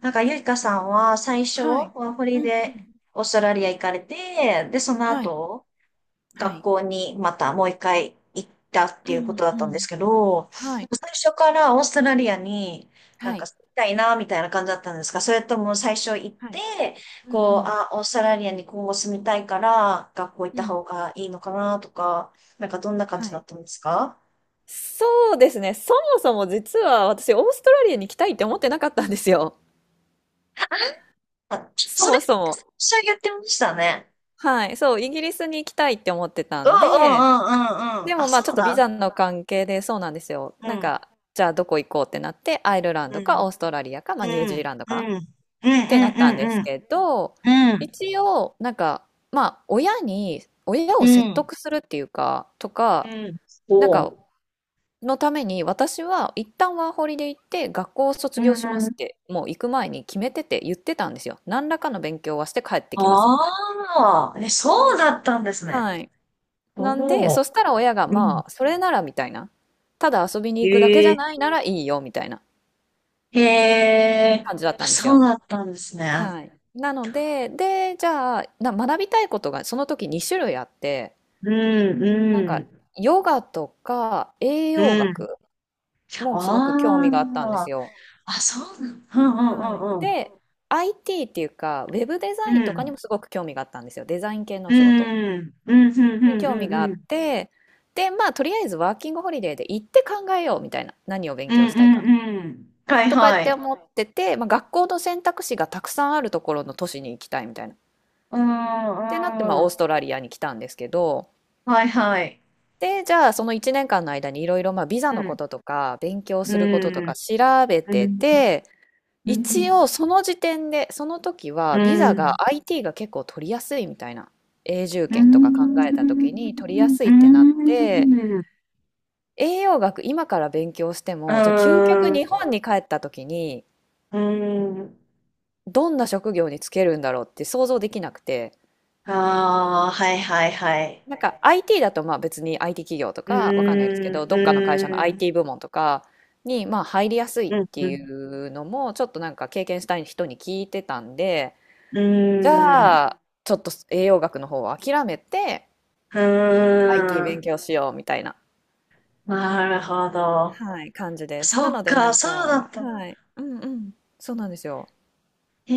なんか、ゆいかさんは最初、はワい。ーホうリんうでん。オーストラリア行かれて、で、そのはい。後、は学い。校にまたもう一回行ったっていううこんとだっうたんですん。けど、はい。最初からオーストラリアになんはかい。行きたいな、みたいな感じだったんですか？それとも最初行っはて、い。うんうこう、ん。あ、オーストラリアに今後住みたいから、学校行っうた方ん。がいいのかな、とか、なんかどんな感はじだっい。たんですか？そうですね。そもそも実は私、オーストラリアに行きたいって思ってなかったんですよ。あ、そそれ、もそも。最初言ってましたね。はい。そう、イギリスに行きたいって思ってたうんんうんうで、んうんうん。であ、もまそあちょっうとビだ。ザの関係でそうなんですよ。うなんん、か、じゃあどこ行こうってなって、アイルランうドかオん、ーストラリアか、まあうニュージーん、ランドうん、うか。ん、うん、うてなったんでん、うすん、けど、うん、一応、なんか、まあ、親に、親うを説ん、得するっていうか、とうか、ん、なんか、そのために、私は一旦ワーホリで行って、学校を卒う。う業しまん。すって、もう行く前に決めてて言ってたんですよ。何らかの勉強はして帰ってきますみたいああ、え、そうだったんですな。ね。はい。おなんで、お。そしたら親が、うん。まあ、それならみたいな。ただ遊びに行くだけじへゃえ、ないならいいよみたいなへえ、感じだっあ、たんですそうよ。だったんですね。はい。なので、で、じゃあ、学びたいことがその時2種類あって、うん、なんか、うん、ヨガとか栄う養ん。学もすごく興味があったんであすあ、よ。あ、そうなん、はい。うん、うで、IT っていうか、ウェブデザインとかにん、もすごく興味があったんですよ。デザイン系のおう仕事ん、うん。うん、うん、に興う味があん、うっん、て、で、まあ、とりあえずワーキングホリデーで行って考えようみたいな、何を勉うん、強うん、うしたいかん、うん。うん、はい、とかはってい。思ってて、まあ、学校の選択肢がたくさんあるところの都市に行きたいみたいな。っうん、うてなって、まあ、オースん。トラリアに来たんですけど、はいはい。で、じゃあその1年間の間にいろいろまあビザうのこん。ととか勉強うすることとかん。調べうてん。て、う一ん。応その時点で、その時うはん。ビザうが ん。IT が結構取りやすいみたいな。永住うん。権とか考えた時に取りやすいうってなって、ん。うん、栄養学今から勉強しても、じゃあ究極日本に帰った時にどんな職業に就けるんだろうって想像できなくて、ああー、はいはいはい。なんか IT だとまあ別に IT 企業とうかわかんないですけーん。うど、どっかの会社の ーん。IT 部門とかにまあ入りやすいっうん。てういん。うのもちょっとなんか経験したい人に聞いてたんで、うじーん。ゃあちょっと栄養学の方を諦めて う IT ー勉ん、強しようみたいな、なるほど。はい、感じです。そなっのでなか、んそうだか、った。はい、うんうん、そうなんですよ。へ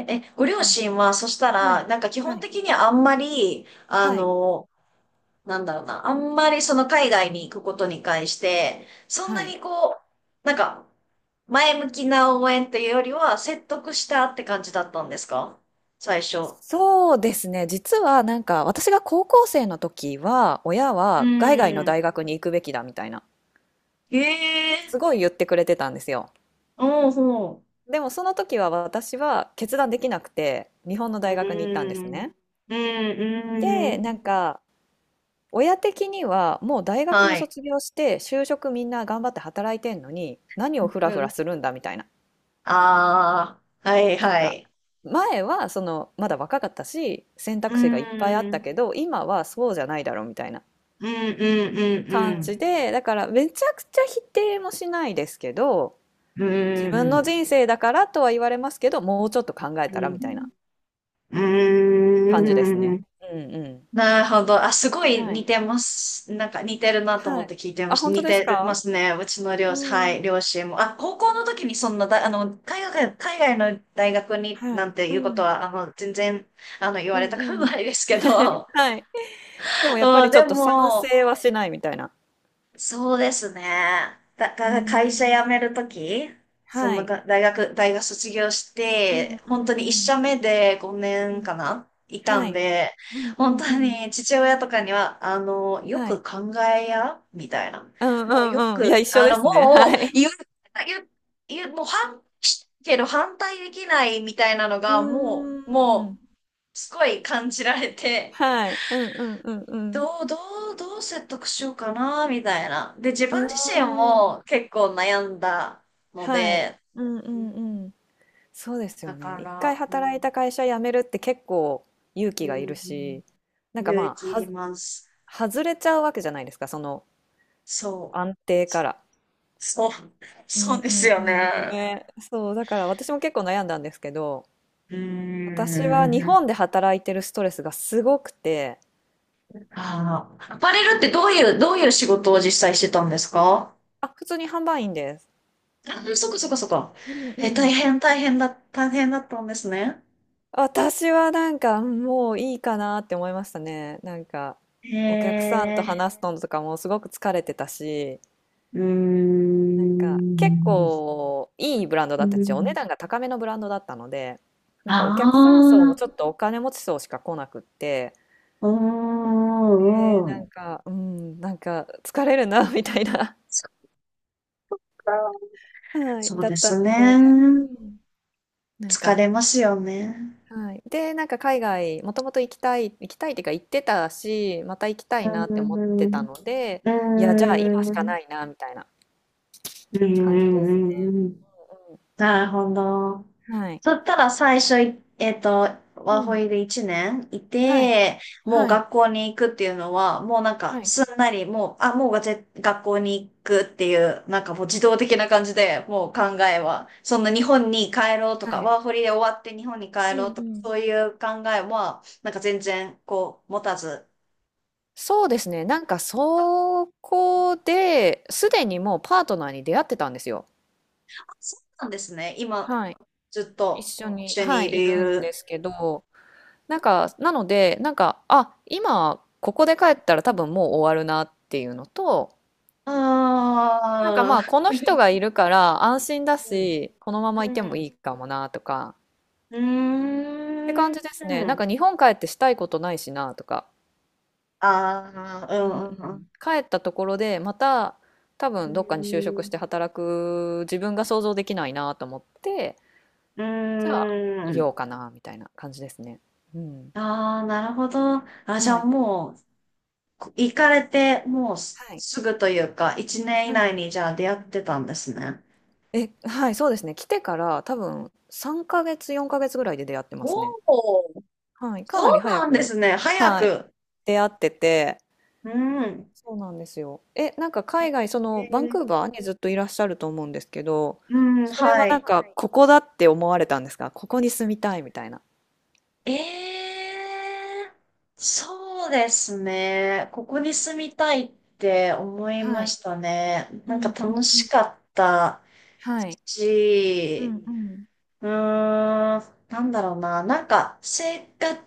え、え、ご両うん親は、そしたはい、ら、なんか基は本い、的にあんまり、はい、なんだろうな、あんまりその海外に行くことに関して、そんはない。にこう、なんか、前向きな応援というよりは、説得したって感じだったんですか、最初？そうですね。実はなんか私が高校生の時は親うは海外のん、大学に行くべきだみたいな、へえ、すごい言ってくれてたんですよ。おうほでもその時は私は決断できなくて日本のう。大学に行ったんでうすん、ね。うん、うで、ん。なんか親的にはもう大学はもい。卒業して就職みんな頑張って働いてんのに何をフラうフラん。するんだみたいな。ああ、はいなんはかい。前はそのまだ若かったし選うー択肢がいっぱいあったん、けど今はそうじゃないだろうみたいなうん、う感じん、で、だからめちゃくちゃ否定もしないですけど、うん、う自ん、う分ーのん、人生だからとは言われますけど、もうちょっと考えうたらみたいん、なう感じですーね。ん。うんうなるほど。あ、すごん。いは似い。てます。なんか似てるなとは思っい。て聞いてまあ、した。本当似ですてるか？ますね。うちのう両、はい、ん。両親も。あ、高校の時にそんなだ、海外、の大学にはなんい。てういうことん。は、全然、言うわんれたうくん。ないですけ ど。はい。でも やっぱうん、りちょでっと賛も、成はしないみたいな。そうですね。だかうら会社ん。辞めるとき、そはのい。が大学卒業しうて、んう本ん当うに一社ん。目で5う年ん。かないたはんい。で、うんう本当んうん。に父親とかには、よはい。く考えや、みたいな。うんうもうよんうん。いや、く、一緒ですね。はもうい。言う、言う、もう反、けど反対できないみたいなのうが、ーもん。う、すごい感じられて、はい。うんうんうんどう、どどう説得しようかな、みたいな。で、自うん。分自身うーん。も結構悩んだのはい。で、うんうんうん。そうですよだね。か一ら、回う働ん、いた会社辞めるって結構勇気うがいるん、し、なんか勇ま気いあ、ります。外れちゃうわけじゃないですか、そのそ安う、定から。そう、うそんうでうすんうよん。ね。ね。そう、だから私も結構悩んだんですけど、うー私は日ん。本で働いてるストレスがすごくて、ああ、アパレルってどういう、どういう仕事を実際してたんですか？あ、普通に販売員です。あ、そっかそっかそっか。うんえ、うん。大変だったんですね。私はなんか、うん、もういいかなって思いましたね。なんかへお客さんとえ、話すのとかもすごく疲れてたし、うーなんか結ん。う構いいブランドーだったんですよ。お値ん、段が高めのブランドだったので、なんあかお客さん層もあ、ちょっとお金持ち層しか来なくって、うーで、ん、うなん。んか、うん、なんか疲れるな みたいな、そっか。はい、そうだでったすので、うね。ん、なん疲か、れますよね。はい。で、なんか海外、もともと行きたい、行きたいっていうか行ってたし、また行きたういん、なってう思ん、ってたうので、いや、じーゃあ今しかん、ないな、みたいなうー感じですね。ん、うーん。なるほど。はい。そしたら最初い、えっと、うワーホん。イで1年いはい。て、もうはい。学校に行くっていうのは、もうなんかはい。すんなり、もう、あ、もうがぜ学校に行くっていう、なんかもう自動的な感じで、もう考えは、そんな日本に帰ろうとはか、い。ワーホリで終わって日本に帰うろうんとうか、ん。そういう考えは、なんか全然こう持たず、そうですね。なんかそこで、すでにもうパートナーに出会ってたんですよ。あ、そうなんですね。今、はい。ずっ一と緒に、一緒にはいい、いるんる。ですけど、なんか、なので、なんか、あ、今、ここで帰ったら多分もう終わるなっていうのと、なんかまあ、ああこの人がいるから安心だー、し、このままういんてもういん。いかもなとか、うーって感じですね。なんん。か日本帰ってしたいことないしなとか。ああ、ううんうんうん。ん帰ったところで、また多う分どっかに就ん。職しうて働く自分が想像できないなと思って、ーん。じゃあ、いうーようん。かなみたいな感じですね。うん。ああ、なるほど。あ、じはゃあい。もう、こ行かれて、もうすはい。すぐというか、1年以は内い。にじゃあ出会ってたんですね。え、はい、そうですね。来てから多分3ヶ月、4ヶ月ぐらいで出会ってまおすね。お、はい。かなりそう早なんでく、すね。早はい、く。出会ってて、うん。そうなんですよ。え、なんか海外、そえのバンー、クーバーにずっといらっしゃると思うんですけど、うん、それははなんい。かここだって思われたんですか？ここに住みたいみたいな。ええ、そうですね。ここに住みたいって思いはまい。したね。うなんかんう楽ん。しかったはい。うんし、うん。うーん、なんだろうな。なんか生活、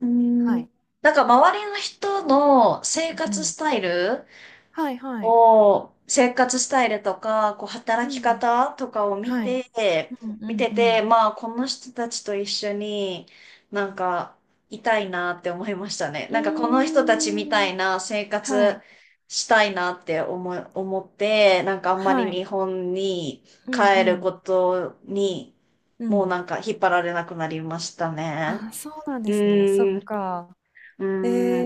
うーん、はい。なんか周りの人の生う活ん。スタイルはいはい。を、生活スタイルとか、こう、う働きん。方とかを見はい。て、うんう見んてうて、ん。まあ、この人たちと一緒になんか、いたいなって思いましたね。うなんか、この人たちみたーいん。な生は活い。したいなって思って、なんか、あんまはりい。日本にうん帰うるん。ことに、うもうん。なんか、引っ張られなくなりましたね。あ、そうなんうですね。そっーん、うか。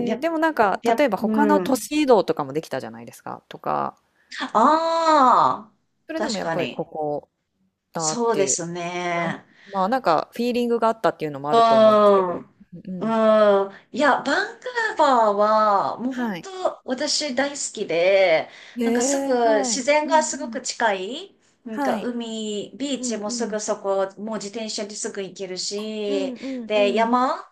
ーん、ー、や、でもなんか、や、例えば他のう都ん。市移動とかもできたじゃないですか。とか、ああ、それでも確やっかぱりに。ここたっそうてでいう、すなん、ね。まあ、なんかフィーリングがあったっていうのもあうると思うんですけん。ど。うんううん。ん。いや、バンクーバーは、もうは本い。当、私大好きで、へなんかすえ、ぐ、は自い。然うんがうすごくん。近い、なんはかい。海、ビーうチんもうすぐん。そこ、もう自転車ですぐ行けるうんし、うんで、うん。山、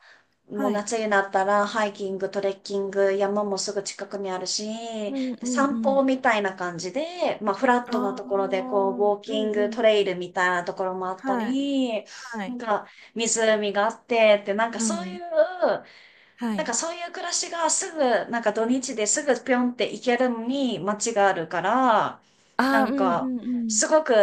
もうはい。夏になったら、ハイキング、トレッキング、山もすぐ近くにあるし、うんでうんう散歩ん。みたいな感じで、まあ、フラッあトなあ、ところで、こう、うんウォーキンうグ、トん。レイルみたいなところもあったはい。り、はなんい。か、湖があってって、なんかうそういん。う、はなんかい。そういう暮らしがすぐ、なんか土日ですぐぴょんって行けるのに街があるから、なああ、うんんうか、んうん。すごく、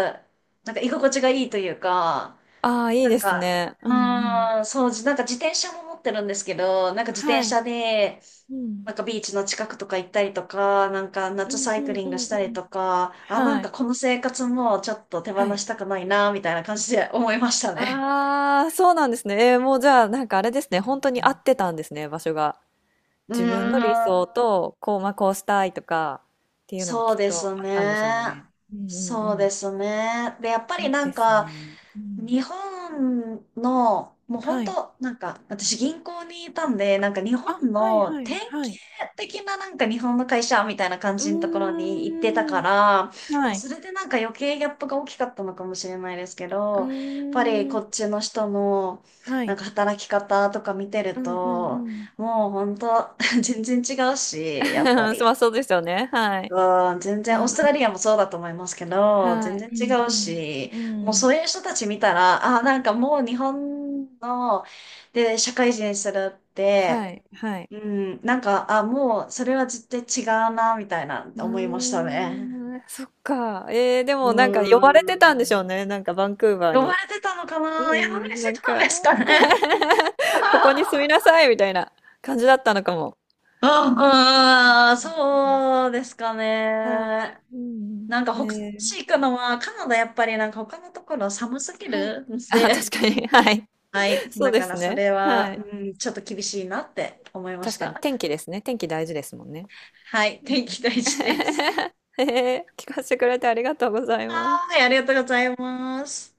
なんか居心地がいいというか、ああ、いいなんですか、ね。ううんうん。ーん、そう、じなんか自転車も持ってるんですけど、なんか自転はい。車で、うん。なんかビーチの近くとか行ったりとか、なんかう夏んサうイクんリンうグんしたうりん。とか、あ、なんはい。かこの生活もちょっと手放はい。したくないな、みたいな感じで思いましたね。ああ、そうなんですね。ええ、もうじゃあ、なんかあれですね、本当に合ってたんですね、場所が。うー自分の理ん。想と、こう、まあ、こうしたいとかっていうのがそうきっでとすあったんでしね。ょうね。うんうんうそうでん。すね。で、やっぱいりいなでんすか、ね。うん。日本の、もうは本い。当、なんか、私銀行にいたんで、なんか日本あ、はいのは典いはい。型的ななんか日本の会社みたいな感うじのところに行ってたーかん。ら、もはうい。それでなんか余計ギャップが大きかったのかもしれないですけうど、やっぱりーこっん。ちの人のはなんい。か働き方とか見てうるんうんうと、ん。もう本当、全然違うし、や っぱまり。あそうですよね、はい。うん、全う然、んオうーストラリアん。もそうだと思いますけど、全はい。然う違んうし、うん。もううん。そういう人たち見たら、ああ、なんかもう日本の、で、社会人するって、はいはい。うん、なんか、あ、もうそれは絶対違うな、みたいなうー思いましたね。ん、そっか。えー、でうもなんか呼ばれてん。たんでしょうね、なんかバンクーバー呼ばに。れてたのかうな？呼ばれてーん、なんたんか ですかね？こ こに住みなさいみたいな感じだったのかも。うあ、うん、んうそうですかんうん。はね。い。うんなんかうん。他のえ市ー、行くのは、カナダやっぱりなんか他のところ寒すぎはい。るんあ、確で、かに、はい。はい。そうだでからすそね。れはは、い。うん、ちょっと厳しいなって思いまし確かにた。天気ですね。天気大事ですもんね。はい。天気大事です。えー、聞かせてくれてありがとうございまはす。ーい。ありがとうございます。